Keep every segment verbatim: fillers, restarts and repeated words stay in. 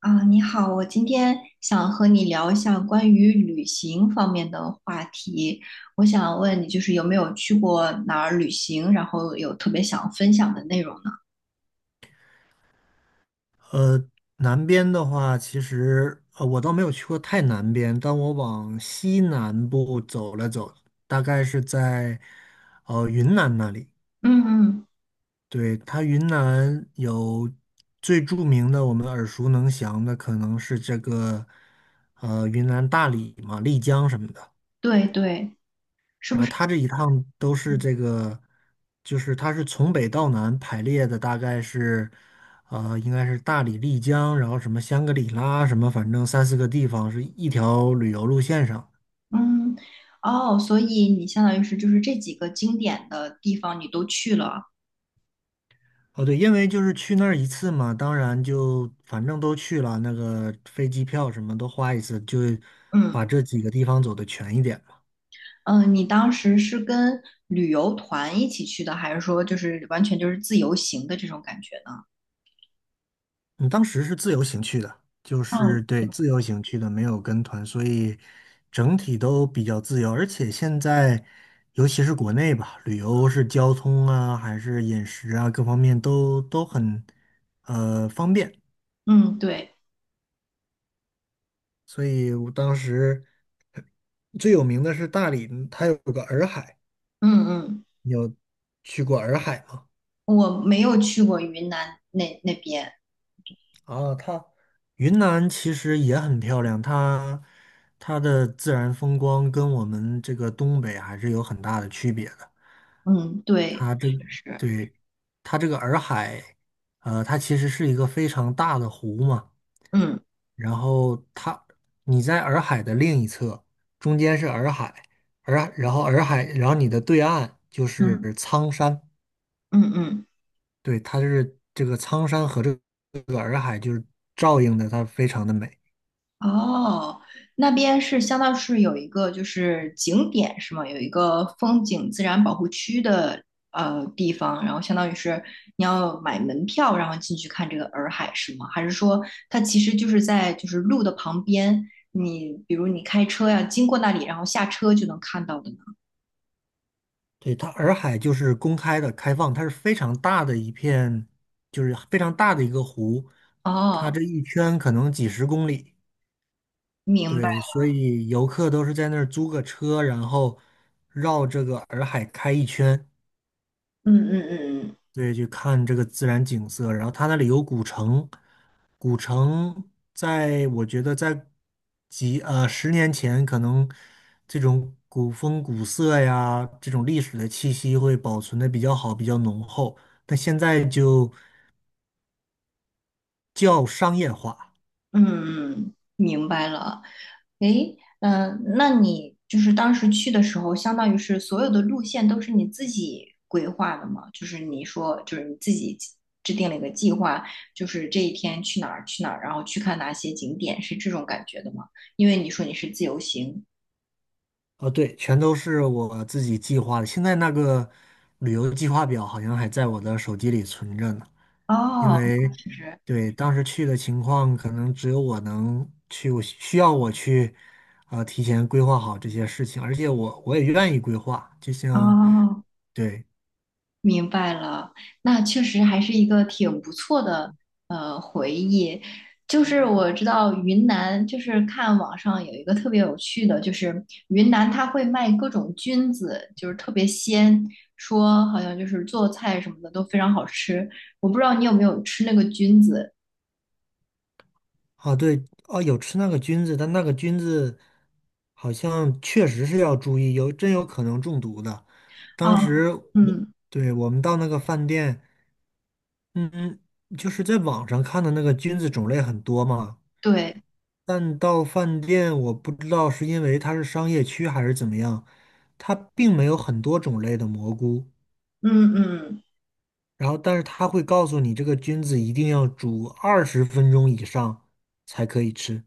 啊，你好，我今天想和你聊一下关于旅行方面的话题。我想问你，就是有没有去过哪儿旅行，然后有特别想分享的内容呢？呃，南边的话，其实呃，我倒没有去过太南边，但我往西南部走了走，大概是在呃云南那里。嗯嗯，对，它云南有最著名的，我们耳熟能详的，可能是这个呃云南大理嘛、丽江什么的。对对，是然不后是？他这一趟都是这个，就是他是从北到南排列的，大概是，呃，应该是大理、丽江，然后什么香格里拉，什么反正三四个地方是一条旅游路线上。嗯，哦，所以你相当于是就是这几个经典的地方你都去了。哦，对，因为就是去那儿一次嘛，当然就反正都去了，那个飞机票什么都花一次，就嗯把这几个地方走的全一点。嗯，呃你当时是跟旅游团一起去的，还是说就是完全就是自由行的这种感觉呢？你当时是自由行去的，就嗯是对自由行去的，没有跟团，所以整体都比较自由。而且现在，尤其是国内吧，旅游是交通啊，还是饮食啊，各方面都都很呃方便。嗯，对，所以我当时最有名的是大理，它有个洱海，嗯嗯。你有去过洱海吗？我没有去过云南那那边，啊，它云南其实也很漂亮，它它的自然风光跟我们这个东北还是有很大的区别的。嗯，对，它这确实，对它这个洱海，呃，它其实是一个非常大的湖嘛。嗯然后它你在洱海的另一侧，中间是洱海，洱然后洱海，然后你的对岸就嗯是苍山，嗯嗯，对，它就是这个苍山和这个洱海就是照应的，它非常的美。哦，那边是相当是有一个就是景点是吗？有一个风景自然保护区的呃地方，然后相当于是你要买门票，然后进去看这个洱海是吗？还是说它其实就是在就是路的旁边，你比如你开车呀经过那里，然后下车就能看到的呢？对，它洱海就是公开的、开放，它是非常大的一片，就是非常大的一个湖，它哦，这一圈可能几十公里。明白，对，所以游客都是在那儿租个车，然后绕这个洱海开一圈。嗯嗯嗯嗯对，去看这个自然景色。然后它那里有古城，古城在我觉得在几呃十年前，可能这种古风古色呀，这种历史的气息会保存的比较好，比较浓厚。但现在就较商业化。嗯，嗯明白了。诶，嗯、那你就是当时去的时候，相当于是所有的路线都是你自己规划的吗？就是你说，就是你自己制定了一个计划，就是这一天去哪儿去哪儿，然后去看哪些景点，是这种感觉的吗？因为你说你是自由行。哦，对，全都是我自己计划的。现在那个旅游计划表好像还在我的手机里存着呢，因哦，为其实，对当时去的情况，可能只有我能去，我需要我去，呃，提前规划好这些事情，而且我我也愿意规划。就像，哦，对，明白了，那确实还是一个挺不错的呃回忆。就是我知道云南，就是看网上有一个特别有趣的，就是云南它会卖各种菌子，就是特别鲜，说好像就是做菜什么的都非常好吃。我不知道你有没有吃那个菌子哦，对，哦，有吃那个菌子，但那个菌子好像确实是要注意，有真有可能中毒的。当啊？时我，嗯，对，我们到那个饭店。嗯，就是在网上看的那个菌子种类很多嘛，对，但到饭店我不知道是因为它是商业区还是怎么样，它并没有很多种类的蘑菇，嗯嗯。然后但是它会告诉你这个菌子一定要煮二十分钟以上才可以吃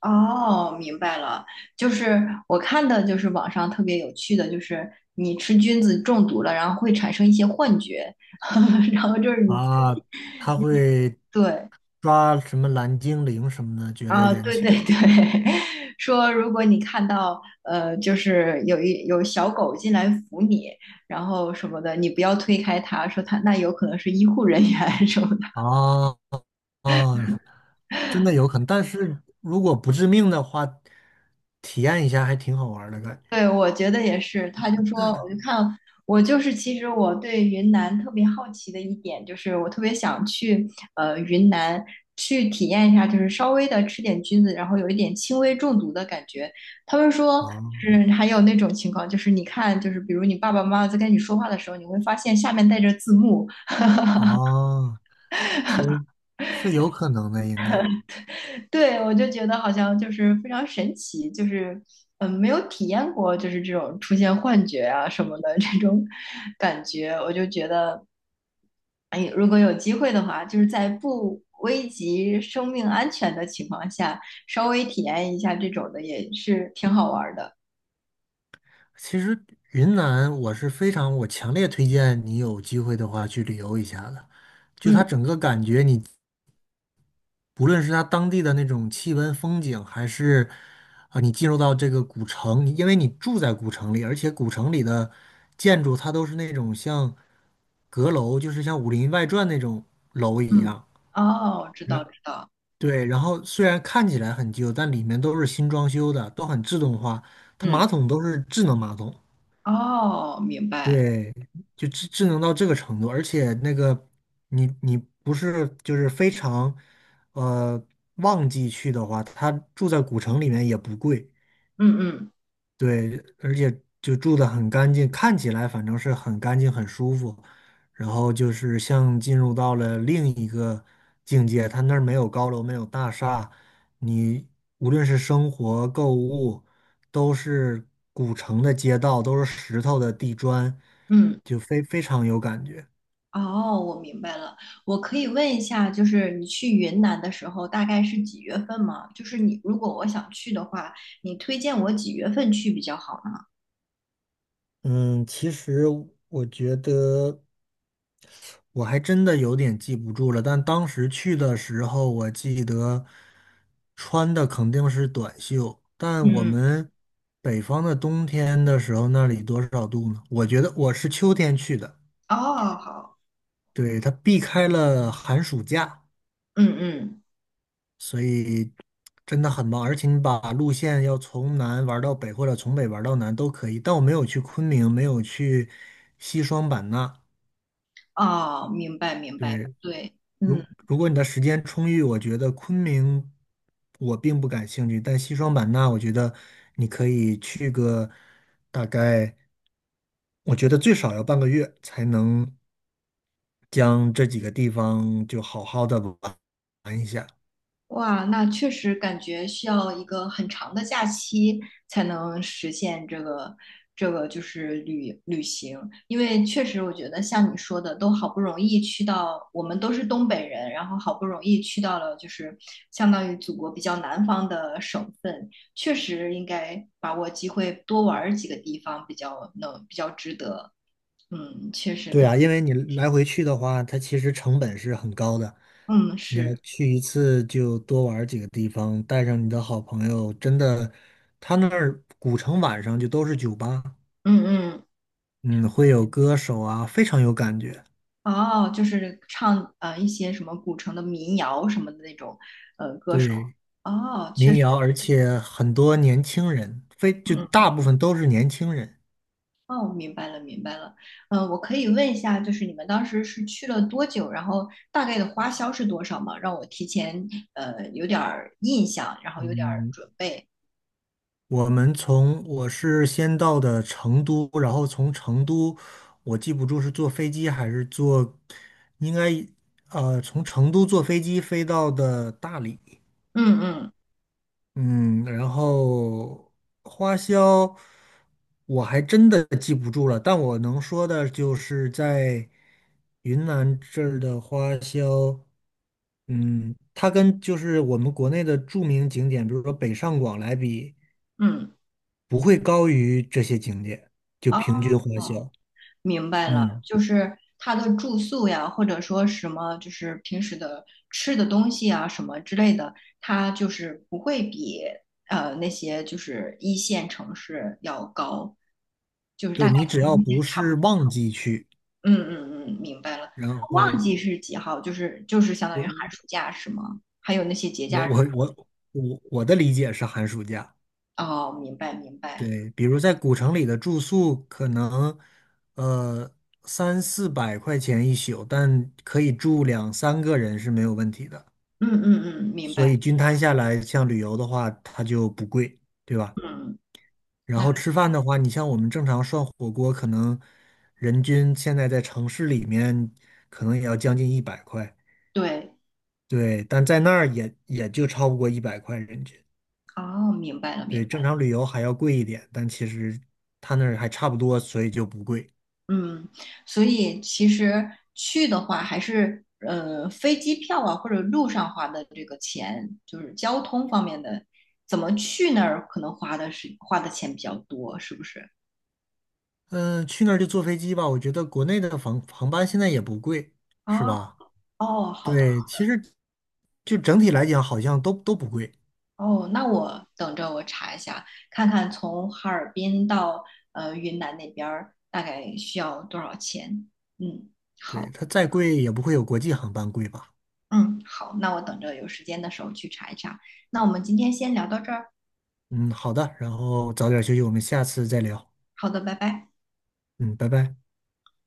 哦，明白了，就是我看的，就是网上特别有趣的，就是你吃菌子中毒了，然后会产生一些幻觉，然后就是你啊，它会对抓什么蓝精灵什么的，觉得啊，眼对前对对，说如果你看到呃，就是有一有小狗进来扶你，然后什么的，你不要推开它，说它那有可能是医护人员 什么的。啊啊，真的有可能，但是如果不致命的话，体验一下还挺好玩儿的感觉。对，我觉得也是。他就说，我就看，我就是其实我对云南特别好奇的一点，就是我特别想去呃云南去体验一下，就是稍微的吃点菌子，然后有一点轻微中毒的感觉。他们说，哦就是还有那种情况，就是你看，就是比如你爸爸妈妈在跟你说话的时候，你会发现下面带着字幕。哦，其实是有可能的，应该。对，我就觉得好像就是非常神奇，就是嗯、呃没有体验过就是这种出现幻觉啊什么的这种感觉，我就觉得。哎，如果有机会的话，就是在不危及生命安全的情况下，稍微体验一下这种的也是挺好玩儿的。其实云南我是非常，我强烈推荐你有机会的话去旅游一下的。就它嗯整个感觉你，不论是它当地的那种气温、风景，还是啊、你进入到这个古城，你因为你住在古城里，而且古城里的建筑它都是那种像阁楼，就是像《武林外传》那种楼一嗯，样。哦，知道知道，对，然后虽然看起来很旧，但里面都是新装修的，都很自动化，它嗯，马桶都是智能马桶。哦，明白，对，就智智能到这个程度，而且那个你你不是就是非常呃旺季去的话，它住在古城里面也不贵，嗯嗯对，而且就住得很干净，看起来反正是很干净、很舒服。然后就是像进入到了另一个境界，它那儿没有高楼，没有大厦，你无论是生活、购物，都是古城的街道，都是石头的地砖，嗯，就非非常有感觉。哦，我明白了。我可以问一下，就是你去云南的时候大概是几月份吗？就是你如果我想去的话，你推荐我几月份去比较好呢？嗯，其实我觉得。我还真的有点记不住了，但当时去的时候，我记得穿的肯定是短袖。但我嗯，们北方的冬天的时候，那里多少度呢？我觉得我是秋天去的，哦，好，对，它避开了寒暑假，嗯嗯，所以真的很棒。而且你把路线要从南玩到北，或者从北玩到南都可以。但我没有去昆明，没有去西双版纳，哦，明白明白，对，对，嗯。如如果你的时间充裕，我觉得昆明我并不感兴趣，但西双版纳，我觉得你可以去个大概，我觉得最少要半个月才能将这几个地方就好好的玩一下。哇，那确实感觉需要一个很长的假期才能实现这个这个就是旅旅行，因为确实我觉得像你说的，都好不容易去到，我们都是东北人，然后好不容易去到了就是相当于祖国比较南方的省份，确实应该把握机会多玩儿几个地方，比较能比较值得。嗯，确实对可，啊，因为你来回去的话，它其实成本是很高的。嗯，你要是，去一次就多玩儿几个地方，带上你的好朋友，真的，他那儿古城晚上就都是酒吧。嗯嗯。嗯，会有歌手啊，非常有感觉。哦，就是唱呃一些什么古城的民谣什么的那种。对，哦，确民实，谣，而且很多年轻人，非就嗯。大部分都是年轻人。哦，明白了，明白了。嗯、呃我可以问一下，就是你们当时是去了多久，然后大概的花销是多少吗？让我提前呃有点儿印象，然后有点儿嗯，准备。我们从我是先到的成都，然后从成都，我记不住是坐飞机还是坐，应该呃从成都坐飞机飞到的大理。嗯嗯嗯，然后花销我还真的记不住了，但我能说的就是在云南这儿的花销，嗯，它跟就是我们国内的著名景点，比如说北上广来比，嗯。不会高于这些景点，就平均花销。哦明白了，嗯，就是他的住宿呀，或者说什么，就是平时的吃的东西啊，什么之类的，他就是不会比呃那些就是一线城市要高，就是对，大概你只跟要一不线差不是多旺季去，嗯嗯嗯，明白了。然旺后季是几号？就是就是相当于寒我暑假是吗？还有那些节我假我日。我我我的理解是寒暑假。哦，明白明白。对，比如在古城里的住宿，可能呃三四百块钱一宿，但可以住两三个人是没有问题的。嗯嗯嗯，明所白。以均摊下来，像旅游的话，它就不贵，对吧？嗯，然那后吃饭的话，你像我们正常涮火锅，可能人均现在在城市里面，可能也要将近一百块，对。对，但在那儿也也就超不过一百块人均。哦，明白了明对，白正了。常旅游还要贵一点，但其实他那儿还差不多，所以就不贵。嗯，所以其实去的话，还是呃飞机票啊，或者路上花的这个钱，就是交通方面的，怎么去那儿可能花的是花的钱比较多，是不是？嗯，去那儿就坐飞机吧。我觉得国内的航航班现在也不贵，是啊，吧？哦，好的，对，其实就整体来讲，好像都都不贵。哦，那我等着我查一下，看看从哈尔滨到呃云南那边儿大概需要多少钱。嗯，对，好，它再贵也不会有国际航班贵吧？嗯，好，那我等着有时间的时候去查一查。那我们今天先聊到这儿，嗯，好的，然后早点休息，我们下次再聊。好的，拜拜。嗯，拜拜。